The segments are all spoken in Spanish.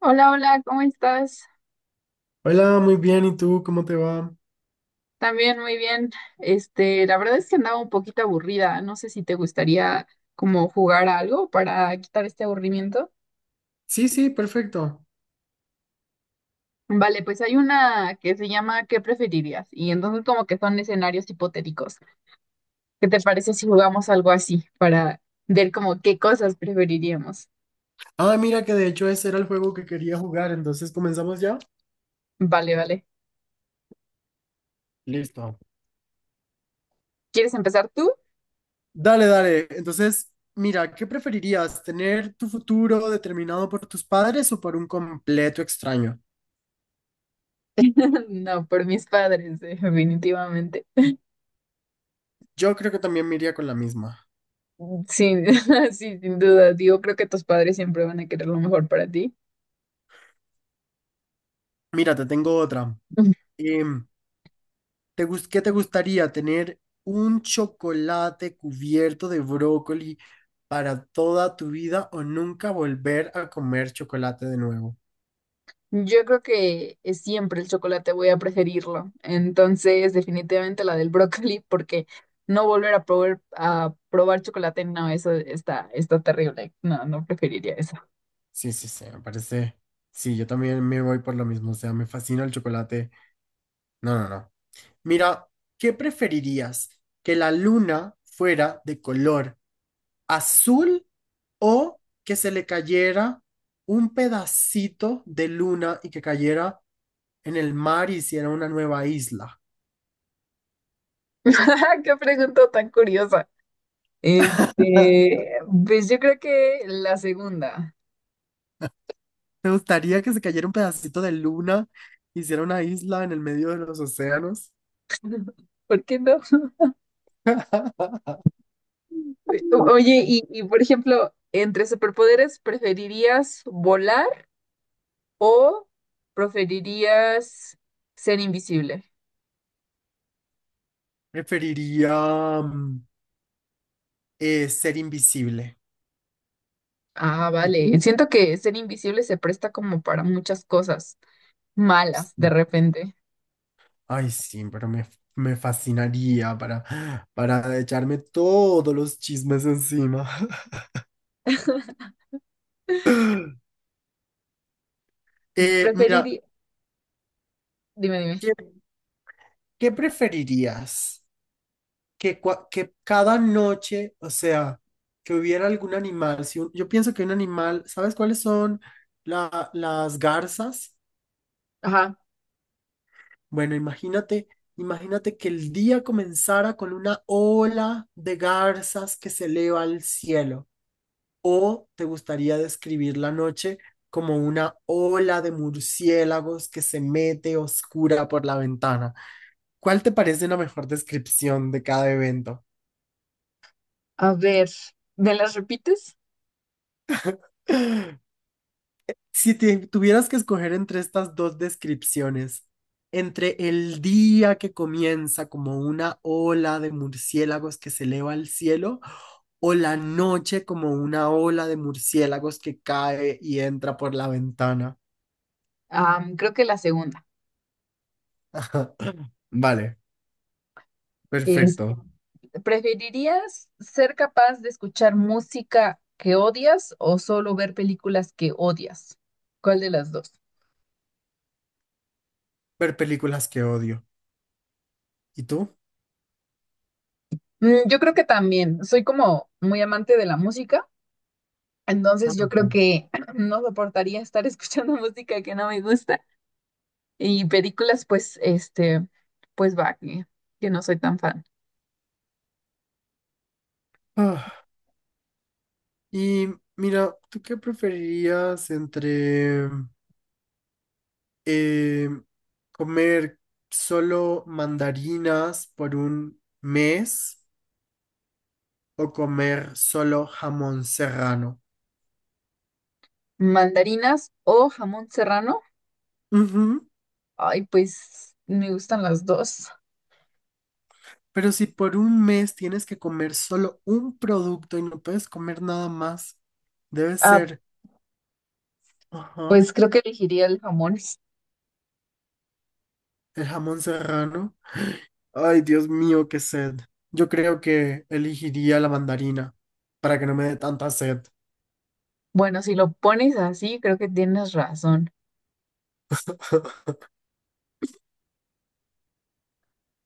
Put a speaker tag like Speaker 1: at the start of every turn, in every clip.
Speaker 1: Hola, hola, ¿cómo estás?
Speaker 2: Hola, muy bien. ¿Y tú cómo te va?
Speaker 1: También muy bien. La verdad es que andaba un poquito aburrida. No sé si te gustaría como jugar a algo para quitar este aburrimiento.
Speaker 2: Sí, sí, perfecto.
Speaker 1: Vale, pues hay una que se llama ¿Qué preferirías? Y entonces como que son escenarios hipotéticos. ¿Qué te parece si jugamos algo así para ver como qué cosas preferiríamos?
Speaker 2: Ah, mira que de hecho ese era el juego que quería jugar, entonces comenzamos ya.
Speaker 1: Vale, vale.
Speaker 2: Listo.
Speaker 1: ¿Quieres empezar tú?
Speaker 2: Dale, dale. Entonces, mira, ¿qué preferirías? ¿Tener tu futuro determinado por tus padres o por un completo extraño?
Speaker 1: No, por mis padres, definitivamente.
Speaker 2: Yo creo que también me iría con la misma.
Speaker 1: Sí, sí, sin duda. Digo, creo que tus padres siempre van a querer lo mejor para ti.
Speaker 2: Mira, te tengo otra. Em, ¿Qué te gustaría? ¿Tener un chocolate cubierto de brócoli para toda tu vida o nunca volver a comer chocolate de nuevo?
Speaker 1: Yo creo que siempre el chocolate voy a preferirlo. Entonces, definitivamente la del brócoli, porque no volver a probar chocolate, no, eso está, está terrible. No, no preferiría eso.
Speaker 2: Sí, sí, sí, me parece. Sí, yo también me voy por lo mismo, o sea, me fascina el chocolate. No, no, no. Mira, ¿qué preferirías? ¿Que la luna fuera de color azul o que se le cayera un pedacito de luna y que cayera en el mar y hiciera una nueva isla?
Speaker 1: Qué pregunta tan curiosa. Este, pues yo creo que la segunda.
Speaker 2: ¿Te gustaría que se cayera un pedacito de luna, hiciera una isla en el medio de los océanos?
Speaker 1: ¿Por qué no? Oye, y por ejemplo, entre superpoderes, ¿preferirías volar o preferirías ser invisible?
Speaker 2: Preferiría ser invisible.
Speaker 1: Ah,
Speaker 2: ¿Y
Speaker 1: vale.
Speaker 2: tú?
Speaker 1: Siento que ser invisible se presta como para muchas cosas malas de
Speaker 2: Sí.
Speaker 1: repente.
Speaker 2: Ay, sí, pero me fascinaría para echarme todos los chismes encima. Mira,
Speaker 1: Preferiría... Dime, dime.
Speaker 2: ¿qué, ¿qué preferirías? Que cada noche, o sea, que hubiera algún animal. Si un- Yo pienso que un animal, ¿sabes cuáles son las garzas?
Speaker 1: Ajá.
Speaker 2: Bueno, imagínate, imagínate que el día comenzara con una ola de garzas que se eleva al cielo. ¿O te gustaría describir la noche como una ola de murciélagos que se mete oscura por la ventana? ¿Cuál te parece una mejor descripción de cada evento?
Speaker 1: A ver, ¿me las repites?
Speaker 2: Si te tuvieras que escoger entre estas dos descripciones, entre el día que comienza como una ola de murciélagos que se eleva al cielo o la noche como una ola de murciélagos que cae y entra por la ventana.
Speaker 1: Creo que la segunda.
Speaker 2: Vale,
Speaker 1: Es,
Speaker 2: perfecto.
Speaker 1: ¿preferirías ser capaz de escuchar música que odias o solo ver películas que odias? ¿Cuál de las dos?
Speaker 2: Ver películas que odio. ¿Y tú?
Speaker 1: Mm, yo creo que también. Soy como muy amante de la música,
Speaker 2: Ah,
Speaker 1: entonces yo
Speaker 2: ok.
Speaker 1: creo que no soportaría estar escuchando música que no me gusta. Y películas, pues, pues va, que no soy tan fan.
Speaker 2: Ah, y mira, ¿tú qué preferirías entre eh, comer solo mandarinas por un mes o comer solo jamón serrano?
Speaker 1: ¿Mandarinas o jamón serrano?
Speaker 2: Ujú.
Speaker 1: Ay, pues me gustan las dos.
Speaker 2: Pero si por un mes tienes que comer solo un producto y no puedes comer nada más, debe
Speaker 1: Ah,
Speaker 2: ser, ajá,
Speaker 1: pues creo que elegiría el jamón.
Speaker 2: el jamón serrano. Ay, Dios mío, qué sed. Yo creo que elegiría la mandarina para que no me dé tanta sed.
Speaker 1: Bueno, si lo pones así, creo que tienes razón.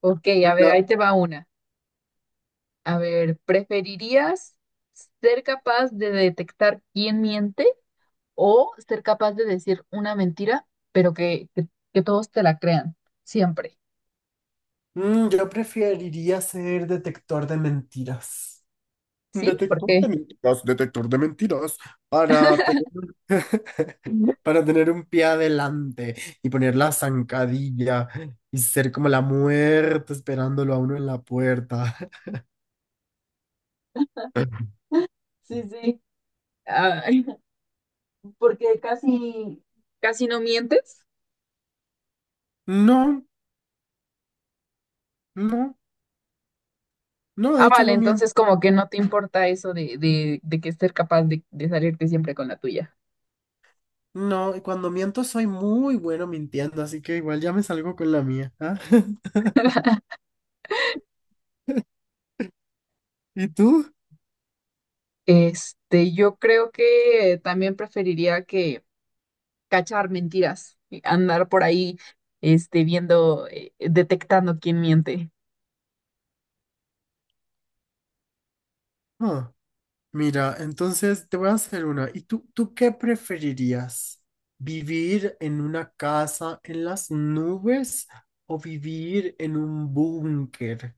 Speaker 1: Ok, a ver, ahí
Speaker 2: La-
Speaker 1: te va una. A ver, ¿preferirías ser capaz de detectar quién miente o ser capaz de decir una mentira, pero que todos te la crean, siempre,
Speaker 2: Yo preferiría ser detector de mentiras.
Speaker 1: ¿sí?
Speaker 2: Detector de
Speaker 1: Porque,
Speaker 2: mentiras, detector de mentiras, para tener, para tener un pie adelante y poner la zancadilla y ser como la muerte esperándolo a uno en la puerta.
Speaker 1: sí, sí, ah, porque casi, casi no mientes.
Speaker 2: No, no, no, de
Speaker 1: Ah,
Speaker 2: hecho
Speaker 1: vale,
Speaker 2: no miento.
Speaker 1: entonces como que no te importa eso de que ser capaz de salirte siempre con la tuya.
Speaker 2: No, y cuando miento soy muy bueno mintiendo, así que igual ya me salgo con la mía. ¿Ah? ¿Y tú?
Speaker 1: Yo creo que también preferiría que cachar mentiras, y andar por ahí, viendo, detectando quién miente.
Speaker 2: Ah, mira, entonces te voy a hacer una. ¿Y tú qué preferirías? ¿Vivir en una casa en las nubes o vivir en un búnker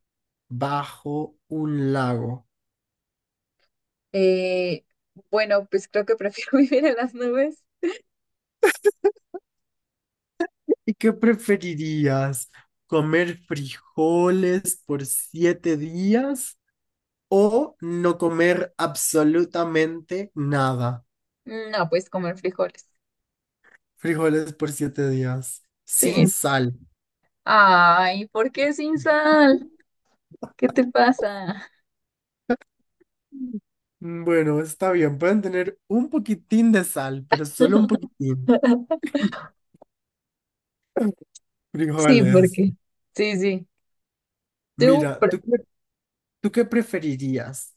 Speaker 2: bajo un lago?
Speaker 1: Eh, bueno, pues creo que prefiero vivir en las nubes.
Speaker 2: ¿Y qué preferirías? ¿Comer frijoles por 7 días o no comer absolutamente nada?
Speaker 1: No, pues comer frijoles.
Speaker 2: Frijoles por siete días, sin
Speaker 1: Sí.
Speaker 2: sal.
Speaker 1: Ay, ¿por qué sin sal? ¿Qué te pasa?
Speaker 2: Bueno, está bien, pueden tener un poquitín de sal, pero solo un poquitín.
Speaker 1: Sí,
Speaker 2: Frijoles.
Speaker 1: porque. Sí, sí. Tú,
Speaker 2: Mira,
Speaker 1: pre-
Speaker 2: ¿tú qué preferirías?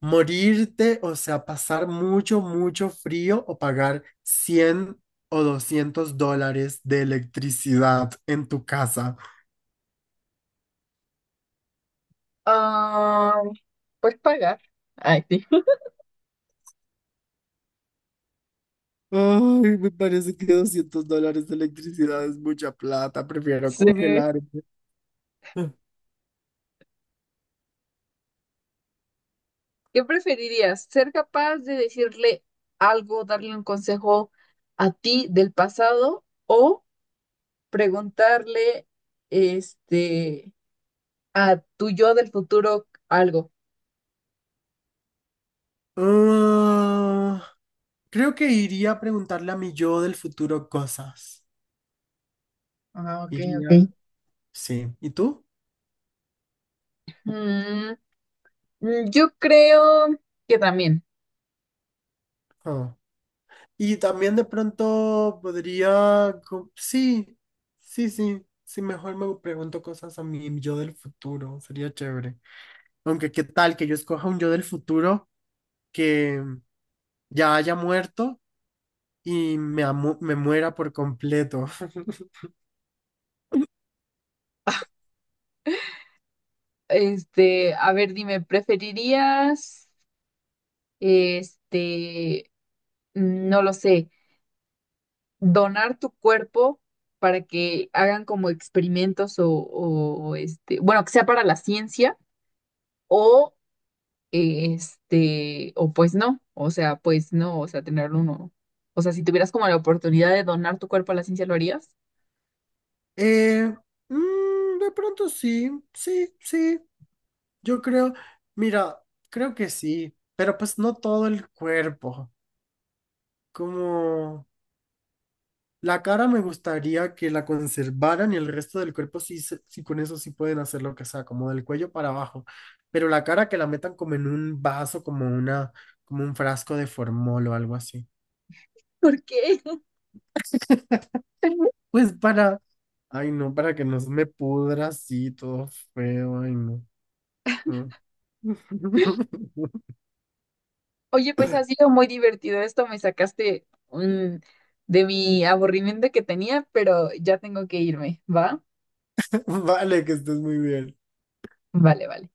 Speaker 2: ¿Morirte, o sea, pasar mucho, mucho frío o pagar 100 o $200 de electricidad en tu casa?
Speaker 1: ah, pues pagar. Ay, sí.
Speaker 2: Ay, me parece que $200 de electricidad es mucha plata, prefiero
Speaker 1: Sí.
Speaker 2: congelarme.
Speaker 1: ¿Qué preferirías? ¿Ser capaz de decirle algo, darle un consejo a ti del pasado o preguntarle este a tu yo del futuro algo?
Speaker 2: Ah, creo que iría a preguntarle a mi yo del futuro cosas.
Speaker 1: Ah, ok, ok.
Speaker 2: Iría. Sí. ¿Y tú?
Speaker 1: Mm, yo creo que también.
Speaker 2: Ah. Y también de pronto sí, sí, sí. Sí, mejor me pregunto cosas a mi yo del futuro. Sería chévere. Aunque qué tal que yo escoja un yo del futuro que ya haya muerto y me muera por completo.
Speaker 1: A ver, dime, ¿preferirías, este, no lo sé, donar tu cuerpo para que hagan como experimentos o, bueno, que sea para la ciencia o, o pues no, o sea, pues no, o sea, tenerlo uno. O sea, si tuvieras como la oportunidad de donar tu cuerpo a la ciencia, ¿lo harías?
Speaker 2: Eh, de pronto sí, sí, sí. Yo creo, mira, creo que sí, pero pues no todo el cuerpo. Como la cara me gustaría que la conservaran y el resto del cuerpo sí, sí con eso sí pueden hacer lo que sea, como del cuello para abajo. Pero la cara que la metan como en un vaso, como un frasco de formol o algo así.
Speaker 1: ¿Por qué?
Speaker 2: Pues para, ay no, para que no se me pudra así todo feo, ay no. Mm.
Speaker 1: Oye, pues ha sido muy divertido esto, me sacaste de mi aburrimiento que tenía, pero ya tengo que irme, ¿va?
Speaker 2: Vale, que estés muy bien.
Speaker 1: Vale, vale.